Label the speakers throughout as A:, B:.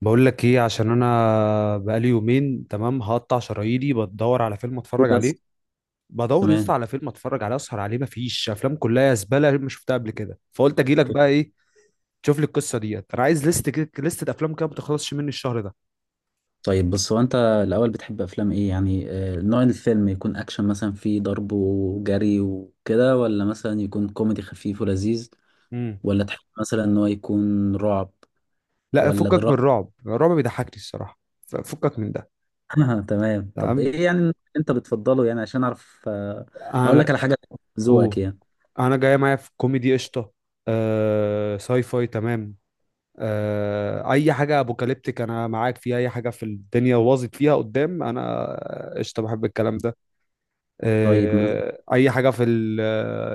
A: بقول لك ايه عشان انا بقالي يومين، تمام. هقطع شراييني بدور على فيلم اتفرج
B: بس.
A: عليه. بدور
B: تمام.
A: يسطا على فيلم اتفرج عليه اسهر عليه، مفيش افلام، كلها زباله، ما شفتها قبل كده، فقلت اجي لك
B: اوكي.
A: بقى. ايه تشوف لي القصه ديت؟ انا عايز ليست كده، ليست افلام كده ما تخلصش مني الشهر ده.
B: طيب بص، هو انت الاول بتحب افلام ايه يعني، نوع الفيلم يكون اكشن مثلا فيه ضرب وجري وكده، ولا مثلا يكون كوميدي خفيف ولذيذ،
A: امم
B: ولا تحب مثلا ان هو يكون رعب،
A: لا،
B: ولا
A: فكك
B: دراما؟
A: من الرعب، الرعب بيضحكني الصراحه. فكك من ده.
B: تمام. طب
A: تمام.
B: ايه يعني اللي انت بتفضله يعني عشان اعرف اقول لك
A: انا.
B: على حاجه، ذوقك
A: اوه،
B: يعني.
A: انا جاي معايا في كوميدي قشطه. ساي فاي تمام. اي حاجه ابوكاليبتيك انا معاك فيها، اي حاجه في الدنيا باظت فيها قدام انا قشطه، بحب الكلام ده.
B: طيب
A: اي حاجه في ال،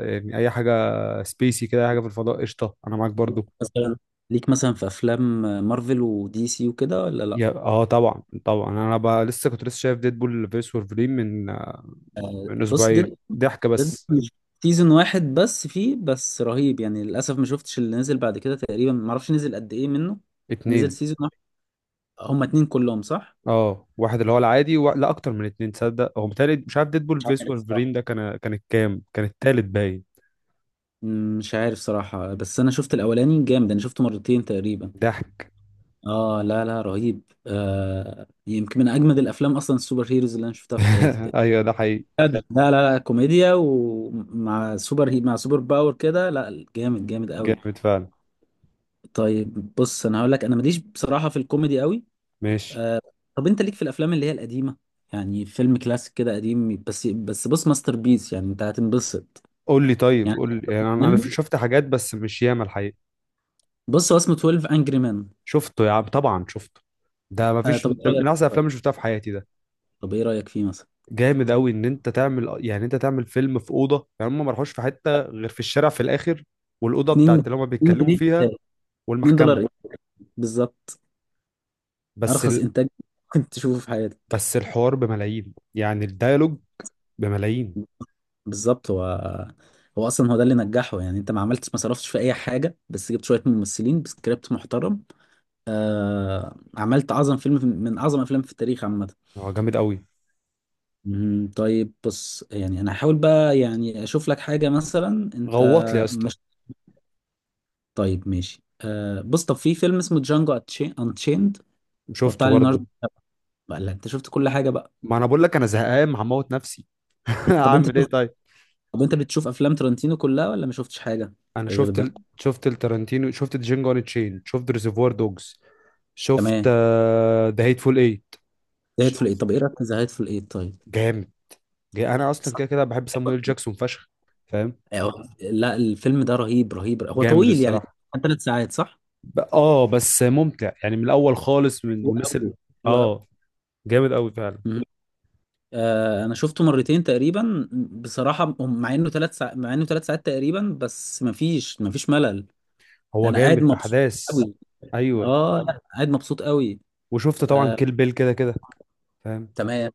A: يعني اي حاجه سبيسي كده، اي حاجه في الفضاء قشطه انا معاك برضو.
B: مثلا، ليك مثلا في افلام مارفل ودي سي وكده ولا لا؟
A: يا طبعا طبعا، انا بقى لسه كنت لسه شايف ديدبول فيرس وولفرين من
B: بص،
A: اسبوعين،
B: ديد
A: ضحك
B: ديد
A: بس.
B: سيزون واحد بس، فيه بس رهيب يعني. للاسف ما شفتش اللي نزل بعد كده، تقريبا ما اعرفش نزل قد ايه منه. نزل
A: اتنين.
B: سيزون واحد، هما اتنين كلهم صح؟
A: اه، واحد اللي هو العادي و... لا، اكتر من اتنين، تصدق هو متهيألي، مش عارف ديدبول
B: مش
A: فيرس
B: عارف صراحة.
A: وولفرين ده كان، كانت كام كان التالت باين.
B: مش عارف صراحة، بس انا شفت الاولاني جامد، انا شفته مرتين تقريبا.
A: ضحك.
B: اه لا لا رهيب، يمكن من اجمد الافلام اصلا السوبر هيروز اللي انا شفتها في حياتي تقريبا.
A: ايوه ده حقيقي.
B: لا لا لا لا، كوميديا ومع سوبر هي مع سوبر باور كده، لا جامد جامد قوي.
A: جامد فعلا.
B: طيب بص، انا هقول لك، انا ماليش بصراحه في الكوميدي قوي.
A: ماشي.
B: آه، طب انت ليك في الافلام اللي هي القديمه؟ يعني فيلم كلاسيك كده قديم بس، بص ماستر بيس يعني انت هتنبسط.
A: قول لي طيب
B: يعني
A: قول لي يعني، انا
B: كمان-
A: شفت حاجات بس مش ياما الحقيقه.
B: بص، هو اسمه 12 انجري مان.
A: شفته يا عم، طبعا شفته. ده ما فيش،
B: طب ايه
A: ده من
B: رايك
A: احسن
B: طيب.
A: الافلام اللي شفتها في حياتي ده.
B: طب ايه رايك فيه مثلا؟
A: جامد قوي ان انت تعمل، يعني انت تعمل فيلم في اوضه، يعني هم ما راحوش في حته غير في الشارع في الاخر. والاوضه
B: 2،
A: بتاعت اللي هم
B: 2
A: بيتكلموا
B: جنيه
A: فيها،
B: 2 دولار.
A: والمحكمه.
B: ايه بالظبط،
A: بس
B: ارخص
A: ال...
B: انتاج ممكن تشوفه في حياتك.
A: بس الحوار بملايين، يعني الديالوج بملايين.
B: بالظبط. هو اصلا هو ده اللي نجحه يعني، انت ما عملتش، ما صرفتش في اي حاجه، بس جبت شويه ممثلين بسكريبت محترم. عملت اعظم فيلم، من اعظم افلام في التاريخ عامه.
A: هو جامد قوي.
B: مهم. طيب بص، يعني انا هحاول بقى يعني اشوف لك حاجة مثلا. انت
A: غوط لي يا اسطى.
B: مش. طيب ماشي، بص، طب في فيلم اسمه جانجو انتشيند، بتاع
A: شفته برضه.
B: ليوناردو. بقى لا، انت شفت كل حاجة بقى.
A: ما انا بقول لك انا زهقان هموت نفسي.
B: طب انت
A: هعمل ايه طيب؟
B: طب انت بتشوف افلام ترنتينو كلها، ولا ما شفتش حاجة
A: انا
B: غير
A: شفت
B: ده؟
A: ال... شفت التارانتينو، شفت جينجو ان تشين، شفت ريزرفوار دوجز. شفت
B: تمام.
A: ذا هيت فول ايت.
B: زهقت في الايه.
A: شفت.
B: طب ايه رأيك في زهقت في الايه، طيب؟
A: جامد. انا اصلا
B: صح.
A: كده كده بحب سامويل جاكسون فشخ. فاهم.
B: أيوة. لا، الفيلم ده رهيب رهيب، هو
A: جامد
B: طويل يعني.
A: الصراحه.
B: كان 3 ساعات صح؟
A: ب... اه بس ممتع، يعني من الاول خالص،
B: حلو
A: والناس
B: قوي. حلو
A: اه جامد قوي فعلا.
B: قوي. انا شفته مرتين تقريبا بصراحه، مع انه ثلاث ساعات تقريبا، بس مفيش ملل.
A: هو
B: انا قاعد
A: جامد
B: مبسوط
A: احداث.
B: قوي.
A: ايوه.
B: اه لا قاعد مبسوط قوي.
A: وشفت طبعا
B: آه،
A: كيل بيل كده كده. فاهم.
B: تمام.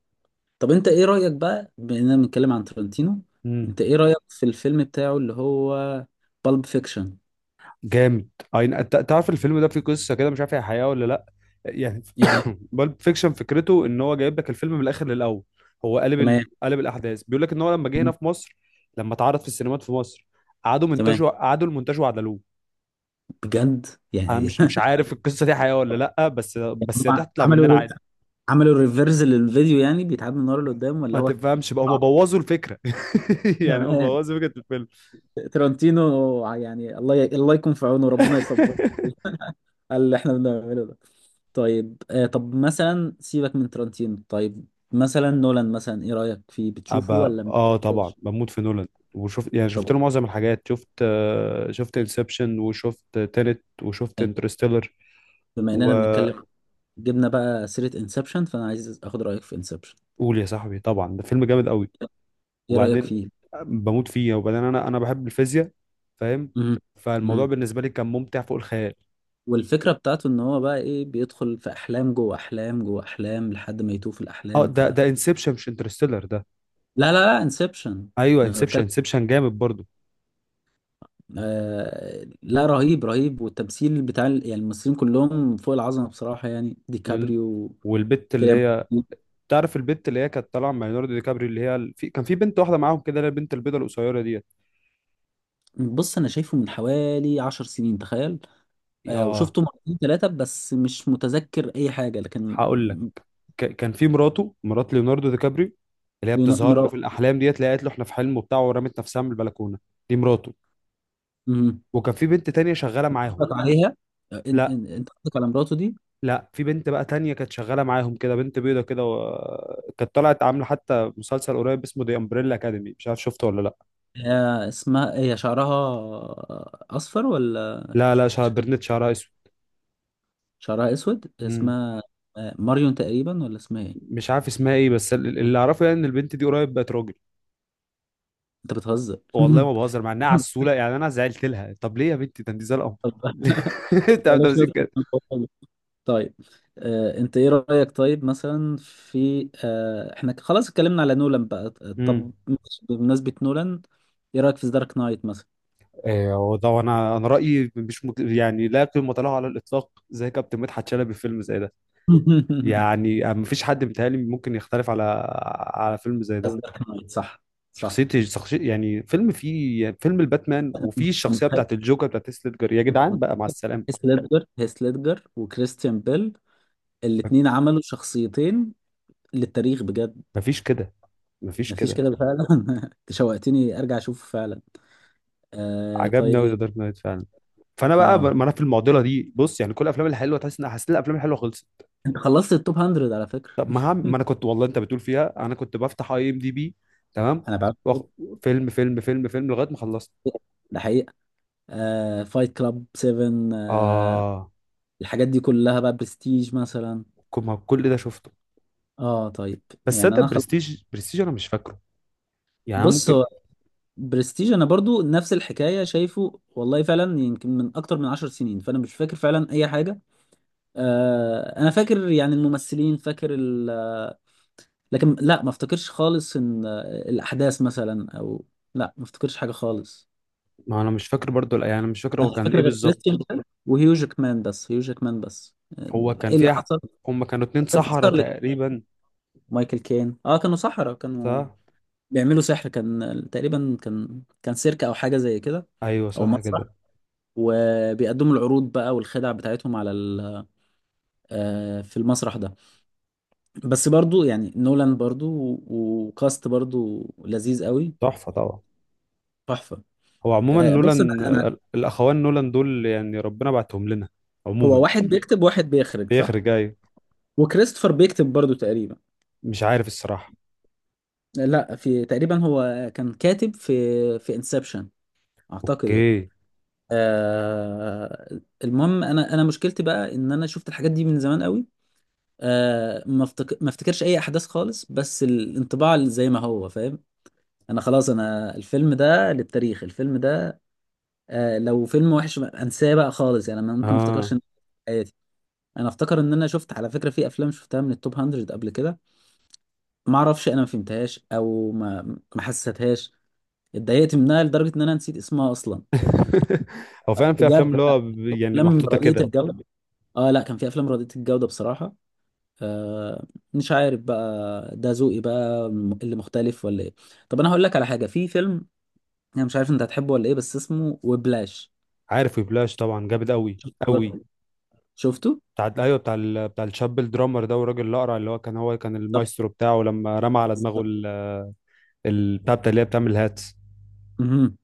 B: طب انت ايه رايك بقى بما اننا بنتكلم عن ترنتينو؟
A: مم.
B: انت ايه رايك في الفيلم بتاعه اللي هو بالب فيكشن؟
A: جامد. اي، انت تعرف الفيلم ده فيه قصه كده، مش عارف هي حقيقه ولا لا؟ يعني،
B: ايه.
A: بالب فيكشن فكرته ان هو جايب لك الفيلم من الاخر للاول. هو قلب
B: تمام
A: ال... قلب الاحداث، بيقول لك ان هو لما جه هنا في مصر، لما اتعرض في السينمات في مصر، قعدوا
B: تمام
A: منتجوا قعدوا المنتج وعدلوه.
B: بجد
A: انا
B: يعني.
A: مش عارف القصه دي حقيقه ولا لا، بس هي
B: هم
A: تطلع مننا
B: عملوا
A: عادي.
B: عملوا ريفرز للفيديو يعني بيتعاد من ورا لقدام، ولا
A: ما
B: هو؟
A: تفهمش بقى، هم بوظوا الفكره. يعني هم بوظوا فكره الفيلم.
B: ترنتينو يعني، الله يكون في عونه، ربنا يصبر على اللي احنا بنعمله ده. طيب، طب مثلا سيبك من ترنتينو، طيب. مثلا نولان، مثلا ايه رأيك فيه، بتشوفه
A: أبقى،
B: ولا ما
A: طبعا
B: بتشوفوش؟
A: بموت في نولان. وشفت، يعني شفت
B: طب
A: له معظم الحاجات، شفت انسبشن، وشفت تينت، وشفت
B: إيه؟
A: انترستيلر.
B: بما اننا بنتكلم،
A: وقول.
B: جبنا بقى سيرة انسبشن، فانا عايز اخد رأيك في انسبشن.
A: يا صاحبي، طبعا ده فيلم جامد قوي.
B: ايه رأيك
A: وبعدين،
B: فيه؟
A: بموت فيه وبعدين، انا بحب الفيزياء. فاهم.
B: مم.
A: فالموضوع
B: مم.
A: بالنسبه لي كان ممتع فوق الخيال.
B: والفكرة بتاعته ان هو بقى ايه، بيدخل في احلام جوه احلام جوه احلام لحد ما يتوه في
A: اه،
B: الاحلام، ف.
A: ده انسبشن مش انترستيلر ده.
B: لا لا لا، انسبشن
A: ايوه،
B: انا
A: انسبشن،
B: بتكلم.
A: انسبشن جامد برضو.
B: لا رهيب رهيب، والتمثيل يعني الممثلين كلهم فوق العظمه بصراحه يعني،
A: لل...
B: ديكابريو
A: والبت اللي
B: كده.
A: هي، تعرف البت اللي هي كانت طالعه مع ليوناردو دي كابريو، اللي هي كان في بنت واحده معاهم كده، اللي هي البنت البيضه القصيره ديت.
B: بص، انا شايفه من حوالي 10 سنين تخيل.
A: يا.
B: وشفته مرتين ثلاثه بس مش متذكر اي حاجه، لكن
A: هقول لك، كان في مرات ليوناردو دي كابريو، اللي هي بتظهر له في
B: مرات.
A: الاحلام ديت، اللي هي قالت له احنا في حلم وبتاع ورمت نفسها من البلكونه. دي مراته.
B: مم.
A: وكان في بنت تانية شغاله معاهم.
B: قصدك عليها،
A: لا،
B: انت قصدك على مراته دي؟
A: لا، في بنت بقى تانية كانت شغاله معاهم كده، بنت بيضه كده كانت طلعت عامله حتى مسلسل قريب اسمه دي امبريلا اكاديمي، مش عارف شفته ولا لا.
B: هي اسمها، هي شعرها اصفر ولا
A: لا، لا، شعر
B: شكل؟
A: برنت، شعرها اسود.
B: شعرها اسود.
A: مم.
B: اسمها ماريون تقريبا، ولا اسمها ايه؟
A: مش عارف اسمها ايه، بس اللي اعرفه يعني، ان البنت دي قريب بقت راجل.
B: انت بتهزر؟
A: والله ما بهزر، مع انها عسوله، يعني انا زعلت لها، طب ليه يا بنتي، ده انت زي القمر. انت عارف
B: بلاش
A: تمسك
B: نضرب في
A: كده.
B: الموضوع ده. طيب، انت ايه رأيك طيب مثلا في، احنا خلاص اتكلمنا على نولان بقى.
A: مم.
B: طب بمناسبة نولان، ايه رأيك في دارك نايت مثلا؟
A: وده، انا رايي مش مت... يعني لا قيمه له على الاطلاق، زي كابتن مدحت شلبي في فيلم زي ده. يعني ما فيش حد متهيألي ممكن يختلف على فيلم زي ده.
B: دارك نايت، صح صح.
A: شخصية يعني، فيلم فيه يعني فيلم الباتمان، وفيه
B: انت
A: الشخصيه
B: متخيل-
A: بتاعت الجوكر بتاعت هيث ليدجر، يا
B: انت
A: جدعان
B: متخيل
A: بقى مع
B: هيث
A: السلامه.
B: ليدجر، وكريستيان بيل، الاتنين عملوا شخصيتين للتاريخ بجد.
A: ما فيش كده، ما فيش
B: مفيش
A: كده.
B: كده فعلا. انت شوقتني ارجع اشوفه فعلا.
A: عجبني قوي ذا
B: طيب.
A: دارك نايت فعلا. فانا بقى،
B: اه،
A: ما انا في المعضله دي، بص يعني كل الافلام الحلوه، تحس ان حسيت إن الافلام الحلوه خلصت.
B: انت خلصت التوب 100 على فكرة.
A: طب ما هعمل، ما انا كنت والله، انت بتقول فيها، انا كنت بفتح IMDB. تمام.
B: انا بعرف.
A: وأخ... فيلم فيلم فيلم فيلم لغايه ما خلصت.
B: ده حقيقي. فايت كلاب 7،
A: اه،
B: الحاجات دي كلها بقى، برستيج مثلا.
A: ما كل ده شفته.
B: اه طيب،
A: بس
B: يعني
A: صدق، برستيج، برستيج انا مش فاكره. يعني أنا
B: بص،
A: ممكن.
B: هو برستيج انا برضو نفس الحكايه، شايفه والله فعلا يمكن من اكتر من 10 سنين، فانا مش فاكر فعلا اي حاجه. انا فاكر يعني الممثلين، لكن لا ما افتكرش خالص ان، الاحداث مثلا او، لا ما افتكرش حاجه خالص.
A: ما انا مش فاكر برضو، لا، يعني انا مش فاكر هو
B: انا مش
A: كان
B: فاكر
A: ايه
B: غير
A: بالظبط.
B: كريستيان بيل وهيو جاكمان، بس هيو جاكمان بس.
A: هو كان
B: ايه اللي
A: فيها.
B: حصل؟
A: هم كانوا اتنين
B: كان في
A: سحرة
B: سكارلت،
A: تقريبا.
B: مايكل كين. اه كانوا سحرة، كانوا
A: صح.
B: بيعملوا سحر، كان تقريبا، كان سيرك او حاجة زي كده،
A: ايوه
B: او
A: صح
B: مسرح،
A: كده.
B: وبيقدموا العروض بقى والخدع بتاعتهم على ال، في المسرح ده. بس برضو يعني نولان برضو، وكاست برضو لذيذ قوي.
A: تحفه طبعا.
B: تحفة.
A: هو عموما
B: بص
A: نولان،
B: انا.
A: الاخوان نولان دول يعني ربنا بعتهم لنا.
B: هو
A: عموما.
B: واحد بيكتب واحد بيخرج، صح؟
A: بيخرج جاي.
B: وكريستوفر بيكتب برضو تقريبا.
A: مش عارف الصراحه.
B: لا، في تقريبا هو كان كاتب في انسبشن اعتقد يعني.
A: اوكي.
B: آه المهم، انا مشكلتي بقى ان انا شفت الحاجات دي من زمان قوي. ما افتكرش اي احداث خالص، بس الانطباع اللي زي ما هو فاهم، انا خلاص انا الفيلم ده للتاريخ، الفيلم ده. لو فيلم وحش انساه بقى خالص يعني، انا ممكن ما
A: اه.
B: افتكرش حياتي. انا افتكر ان انا شفت على فكره في افلام شفتها من التوب 100 قبل كده، ما اعرفش، انا ما فهمتهاش او ما حسيتهاش، اتضايقت منها لدرجه ان انا نسيت اسمها اصلا.
A: هو فعلا في افلام،
B: بجد.
A: اللي هو يعني
B: افلام
A: محطوطه
B: رديئه
A: كده.
B: الجوده. اه لا، كان في افلام رديئه الجوده بصراحه. آه، مش عارف بقى، ده ذوقي بقى اللي مختلف ولا ايه؟ طب انا هقول لك على حاجه، في فيلم انا مش عارف انت هتحبه ولا ايه، بس اسمه وبلاش.
A: عارف ويبلاش، طبعا جامد قوي.
B: شفته؟
A: قوي.
B: شفته؟
A: بتاع، ايوه، بتاع الشاب الدرامر ده، والراجل الاقرع اللي هو كان هو كان
B: طب
A: المايسترو بتاعه لما رمى على دماغه بتاع اللي هي بتعمل هاتس.
B: مهم.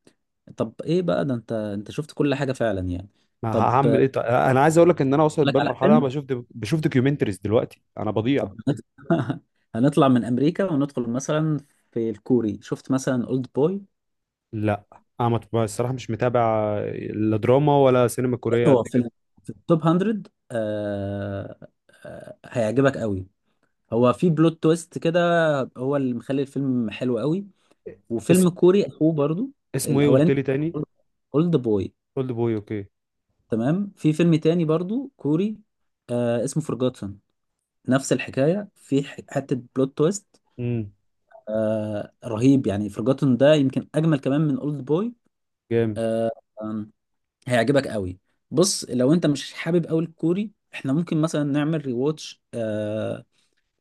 B: طب ايه بقى ده، انت شفت كل حاجه فعلا يعني.
A: ما
B: طب اقول
A: هعمل ايه طيب؟ انا عايز اقول لك ان انا وصلت
B: لك على
A: بالمرحله، انا
B: فيلم.
A: بشوف دوكيومنتريز دلوقتي، انا بضيع.
B: طب هنطلع من امريكا وندخل مثلا في الكوري، شفت مثلا اولد بوي؟
A: لا، انا الصراحه مش متابع لا دراما ولا سينما كوريه قد
B: هو في
A: كده.
B: في التوب 100. آه هيعجبك قوي، هو في بلوت تويست كده، هو اللي مخلي الفيلم حلو قوي.
A: اس...
B: وفيلم كوري اخوه برضو.
A: اسمه ايه قلت
B: الاولاني
A: لي تاني؟
B: اولد بوي.
A: اولد بوي، اوكي.
B: تمام. في فيلم تاني برضو كوري، اسمه فورجوتن، نفس الحكايه، في حته بلوت تويست.
A: امم
B: رهيب يعني، فورجوتن ده يمكن اجمل كمان من اولد بوي.
A: جامد.
B: آه آم، هيعجبك قوي. بص، لو انت مش حابب قوي الكوري، احنا ممكن مثلا نعمل ريواتش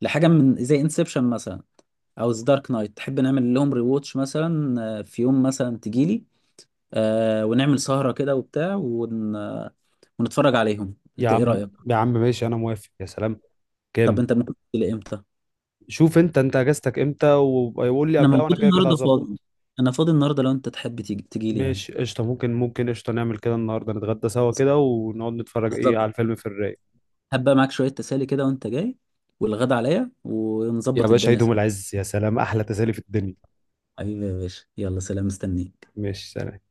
B: لحاجه من زي انسبشن مثلا، او ذا دارك نايت، تحب نعمل لهم ريواتش مثلا؟ في يوم مثلا تجيلي، ونعمل سهرة كده وبتاع، ون... آه، ونتفرج عليهم.
A: يا
B: انت ايه
A: عم،
B: رأيك؟
A: يا عم ماشي، انا موافق، يا سلام.
B: طب
A: كام؟
B: انت ممكن تجيلي امتى؟
A: شوف انت اجازتك امتى، ويقول لي
B: انا
A: قبلها، وانا
B: موجود
A: كده كده
B: النهارده
A: هظبط.
B: فاضي. انا فاضي النهارده، لو انت تحب تيجي تجيلي يعني.
A: ماشي قشطه، ممكن قشطه، نعمل كده النهارده، نتغدى سوا
B: بس-
A: كده ونقعد نتفرج ايه على
B: بالظبط.
A: الفيلم في الرايق.
B: هبقى معاك شوية تسالي كده وانت جاي، والغدا عليا،
A: يا
B: ونظبط
A: باشا
B: الدنيا
A: عيد يوم
B: سوا.
A: العز، يا سلام، احلى تسالي في الدنيا.
B: حبيبي يا باشا، يلا سلام، مستنيك.
A: ماشي.